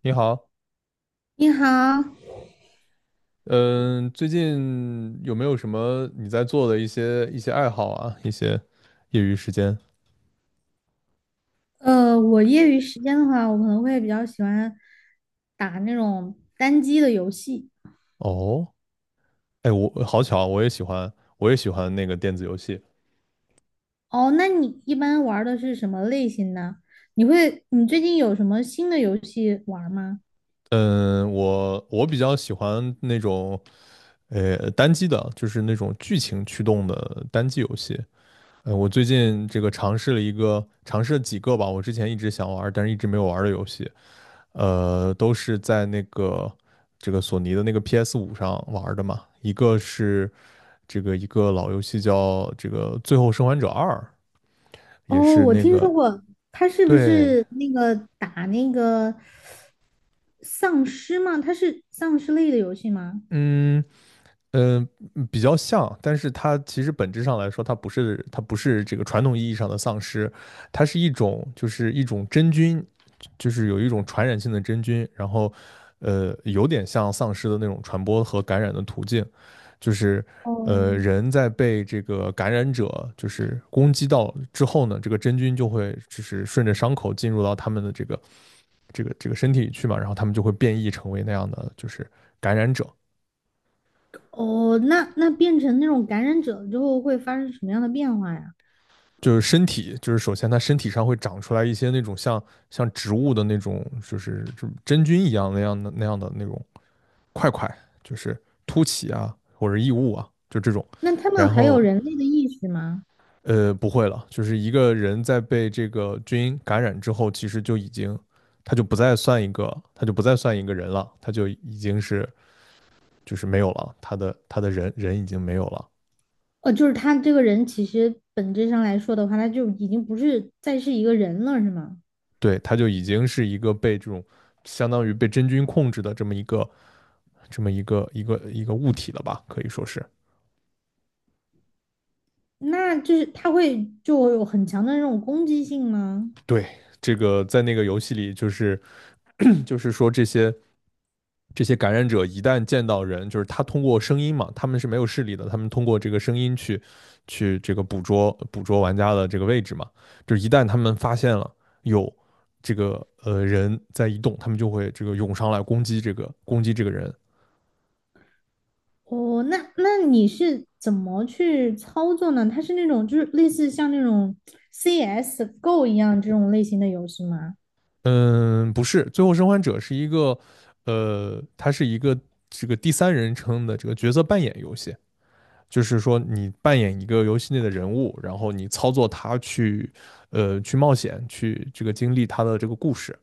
你好，你好。嗯，最近有没有什么你在做的一些爱好啊，一些业余时间？我业余时间的话，我可能会比较喜欢打那种单机的游戏。哦，哎，我好巧，我也喜欢，那个电子游戏。哦，那你一般玩儿的是什么类型呢？你最近有什么新的游戏玩儿吗？嗯，我比较喜欢那种单机的，就是那种剧情驱动的单机游戏。我最近这个尝试了一个，尝试了几个吧，我之前一直想玩，但是一直没有玩的游戏。都是在那个这个索尼的那个 P S 五上玩儿的嘛。一个是这个一个老游戏叫这个《最后生还者二》，也哦，是我那听说个。过，它是不对。是那个打那个丧尸吗？它是丧尸类的游戏吗？嗯嗯。比较像，但是它其实本质上来说，它不是这个传统意义上的丧尸，它是一种就是一种真菌，就是有一种传染性的真菌，然后有点像丧尸的那种传播和感染的途径，就是哦。人在被这个感染者就是攻击到之后呢，这个真菌就会就是顺着伤口进入到他们的这个身体里去嘛，然后他们就会变异成为那样的就是感染者。哦，那变成那种感染者之后会发生什么样的变化呀？就是身体，就是首先它身体上会长出来一些那种像植物的那种，就是真菌一样那样的那种块块，就是凸起啊或者异物啊，就这种。那他们然还有后人类的意识吗？不会了，就是一个人在被这个菌感染之后，其实就已经他就不再算一个，他就不再算一个人了，他就已经是就是没有了，他的人已经没有了，哦，就是他这个人其实本质上来说的话，他就已经不是再是一个人了，是吗？对，他就已经是一个被这种相当于被真菌控制的这么一个物体了吧，可以说是。那就是他会就有很强的那种攻击性吗？对。这个在那个游戏里，就是说这些感染者一旦见到人，就是他通过声音嘛，他们是没有视力的，他们通过这个声音去这个捕捉玩家的这个位置嘛，就是一旦他们发现了有这个人在移动，他们就会这个涌上来攻击这个人。哦，那那你是怎么去操作呢？他是那种就是类似像那种 CS:GO 一样这种类型的游戏吗？嗯，不是，《最后生还者》是一个呃，它是一个这个第三人称的这个角色扮演游戏，就是说你扮演一个游戏内的人物，然后你操作他去，去冒险，去这个经历他的这个故事。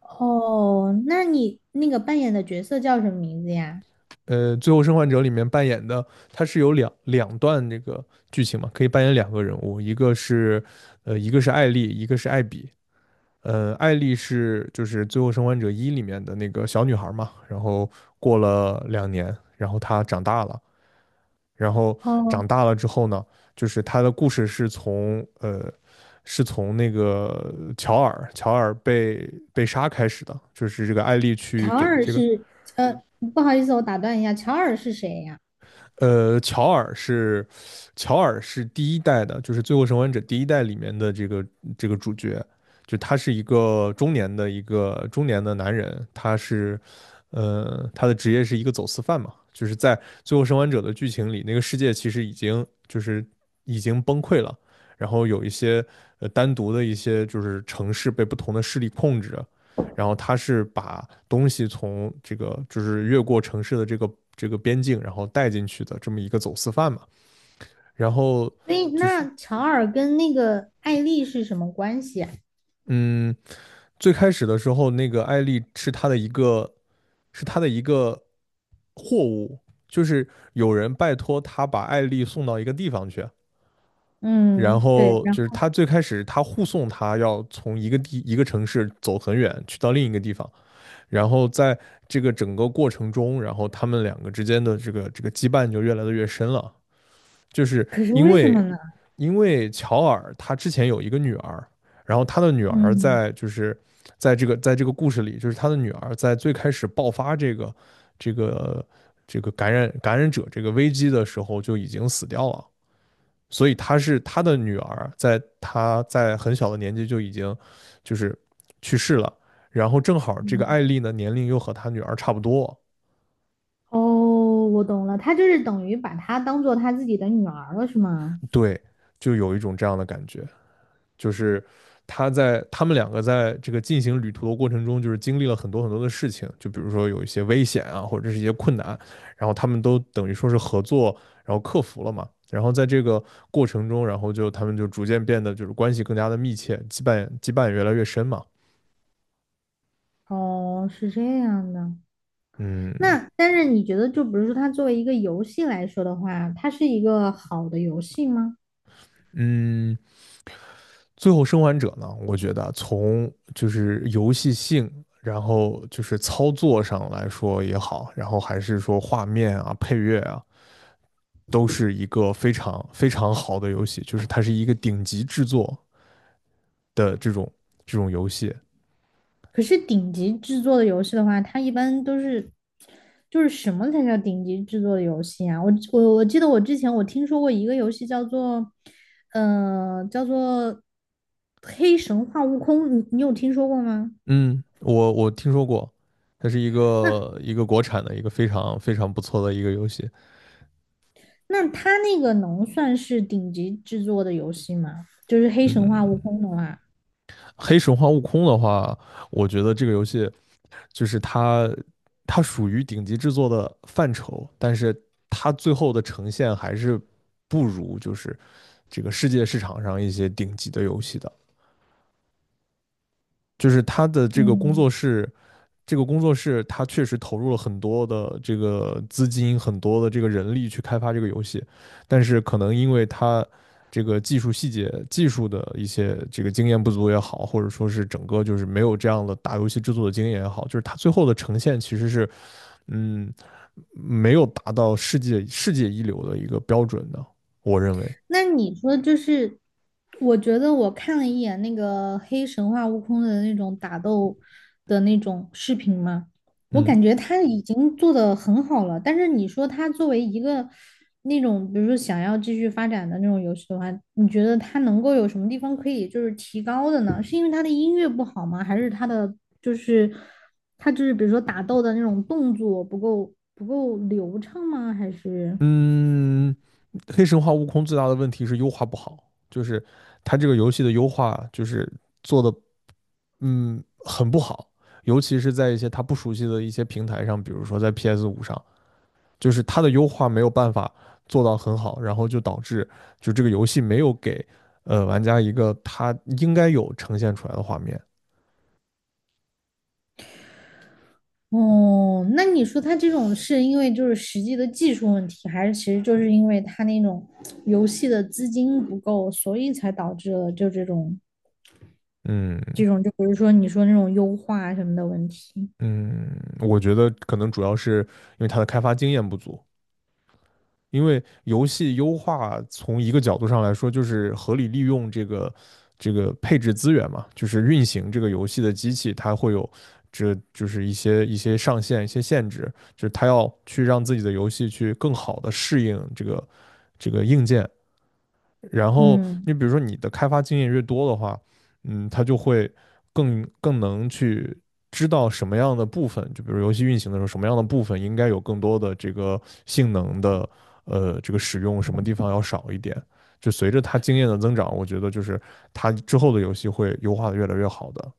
哦，那你那个扮演的角色叫什么名字呀？《最后生还者》里面扮演的，它是有两段这个剧情嘛，可以扮演2个人物，一个是艾丽，一个是艾比。艾丽是就是《最后生还者一》里面的那个小女孩嘛，然后过了2年，然后她长大了，然后哦，长大了之后呢，就是他的故事是从那个乔尔被杀开始的，就是这个艾丽去乔给尔这个。是，呃，不好意思，我打断一下，乔尔是谁呀？呃，乔尔是乔尔是第一代的，就是《最后生还者》第一代里面的这个主角，就他是一个中年的男人，他的职业是一个走私犯嘛，就是在《最后生还者》的剧情里，那个世界其实已经崩溃了，然后有一些单独的一些就是城市被不同的势力控制，然后他是把东西从这个就是越过城市的这个边境，然后带进去的这么一个走私犯嘛。然后所以就是。那乔尔跟那个艾丽是什么关系啊？嗯，最开始的时候，那个艾丽是他的一个货物，就是有人拜托他把艾丽送到一个地方去。然嗯，对，后然就是后他最开始护送从一个城市走很远去到另一个地方，然后在这个整个过程中，然后他们两个之间的这个羁绊就越来的越深了，就是可是因为什么为呢？因为乔尔他之前有一个女儿，然后他的女儿嗯。在这个故事里，就是他的女儿在最开始爆发这个这个感染者这个危机的时候就已经死掉了，所以他的女儿，在他在很小的年纪就已经就是去世了，然后正好这个嗯。艾丽呢年龄又和他女儿差不多，哦，我懂了，他就是等于把她当做他自己的女儿了，是吗？对，就有一种这样的感觉，就是他们两个在这个进行旅途的过程中，就是经历了很多很多的事情，就比如说有一些危险啊，或者是一些困难，然后他们都等于说是合作，然后克服了嘛。然后在这个过程中，然后就他们就逐渐变得就是关系更加的密切，羁绊也越来越深嘛。哦，是这样的。嗯那但是你觉得，就比如说它作为一个游戏来说的话，它是一个好的游戏吗？嗯，最后生还者呢，我觉得从就是游戏性，然后就是操作上来说也好，然后还是说画面啊、配乐啊，都是一个非常非常好的游戏，就是它是一个顶级制作的这种游戏。可是顶级制作的游戏的话，它一般都是，就是什么才叫顶级制作的游戏啊？我记得我之前我听说过一个游戏叫做，叫做《黑神话：悟空》，你有听说过吗？嗯，我听说过，它是一个国产的一个非常非常不错的一个游戏。那它那个能算是顶级制作的游戏吗？就是《黑神话：悟嗯，空》的话，黑神话：悟空的话，我觉得这个游戏就是它属于顶级制作的范畴，但是它最后的呈现还是不如就是这个世界市场上一些顶级的游戏的。就是它的嗯。这个工作室它确实投入了很多的这个资金，很多的这个人力去开发这个游戏，但是可能因为它这个技术细节、技术的一些这个经验不足也好，或者说是整个就是没有这样的大游戏制作的经验也好，就是它最后的呈现其实是嗯，没有达到世界一流的一个标准的，我认为。那你说就是，我觉得我看了一眼那个黑神话悟空的那种打斗的那种视频嘛，我嗯感觉他已经做得很好了。但是你说他作为一个那种，比如说想要继续发展的那种游戏的话，你觉得他能够有什么地方可以就是提高的呢？是因为他的音乐不好吗？还是他的就是他就是比如说打斗的那种动作不够流畅吗？还是？嗯。黑神话悟空最大的问题是优化不好，就是它这个游戏的优化就是做的很不好，尤其是在一些它不熟悉的一些平台上，比如说在 PS5 五上，就是它的优化没有办法做到很好，然后就导致就这个游戏没有给玩家一个他应该有呈现出来的画面，哦，那你说他这种是因为就是实际的技术问题，还是其实就是因为他那种游戏的资金不够，所以才导致了就这种嗯这种，就比如说你说那种优化什么的问题。嗯，我觉得可能主要是因为它的开发经验不足。因为游戏优化从一个角度上来说，就是合理利用这个配置资源嘛，就是运行这个游戏的机器，它会有这就是一些上限、一些限制，就是它要去让自己的游戏去更好的适应这个硬件，然后嗯，你比如说你的开发经验越多的话，他就会更能去知道什么样的部分，就比如游戏运行的时候，什么样的部分应该有更多的这个性能的这个使用，什么地方要少一点。就随着他经验的增长，我觉得就是他之后的游戏会优化的越来越好的。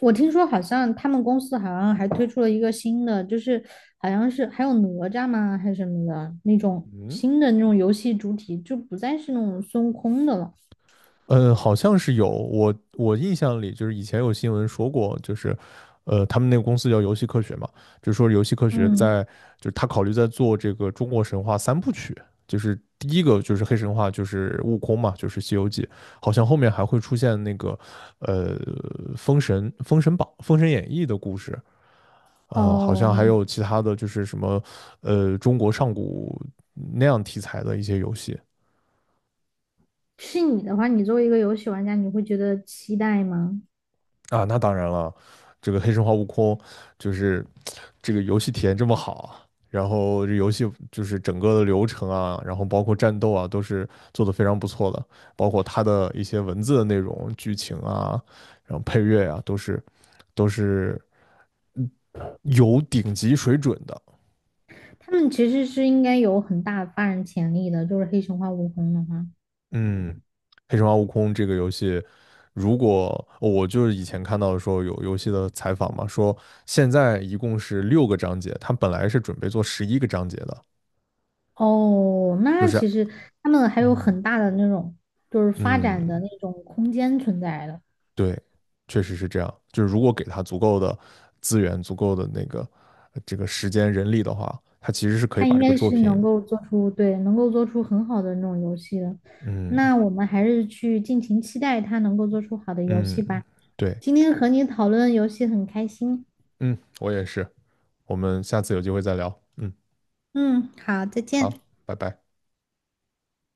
我听说好像他们公司好像还推出了一个新的，就是好像是还有哪吒吗，还是什么的那种嗯。新的那种游戏主体，就不再是那种孙悟空的了。嗯，好像是有，我印象里就是以前有新闻说过，就是，他们那个公司叫游戏科学嘛，就说游戏科学嗯。在，就是他考虑在做这个中国神话3部曲，就是第一个就是黑神话，就是悟空嘛，就是《西游记》，好像后面还会出现那个，呃，封神、封神榜、封神演义的故事，好像还哦，有其他的就是什么，中国上古那样题材的一些游戏。是你的话，你作为一个游戏玩家，你会觉得期待吗？啊，那当然了，这个《黑神话：悟空》就是这个游戏体验这么好，然后这游戏就是整个的流程啊，然后包括战斗啊，都是做得非常不错的，包括它的一些文字的内容、剧情啊，然后配乐啊，都是嗯有顶级水准的。他们其实是应该有很大的发展潜力的，就是黑神话悟空的话。嗯，《黑神话：悟空》这个游戏，如果我就是以前看到说有游戏的采访嘛，说现在一共是6个章节，它本来是准备做11个章节的。哦，就那是。其实他们还有嗯很大的那种就是发嗯，展的那种空间存在的，对，确实是这样。就是如果给他足够的资源、足够的那个这个时间、人力的话，他其实是可以他把应这个该作是品。能够做出，对，能够做出很好的那种游戏的。嗯那我们还是去尽情期待他能够做出好的游戏嗯，吧。对。今天和你讨论游戏很开心。嗯，我也是。我们下次有机会再聊。嗯，嗯，好，再好，见。拜拜。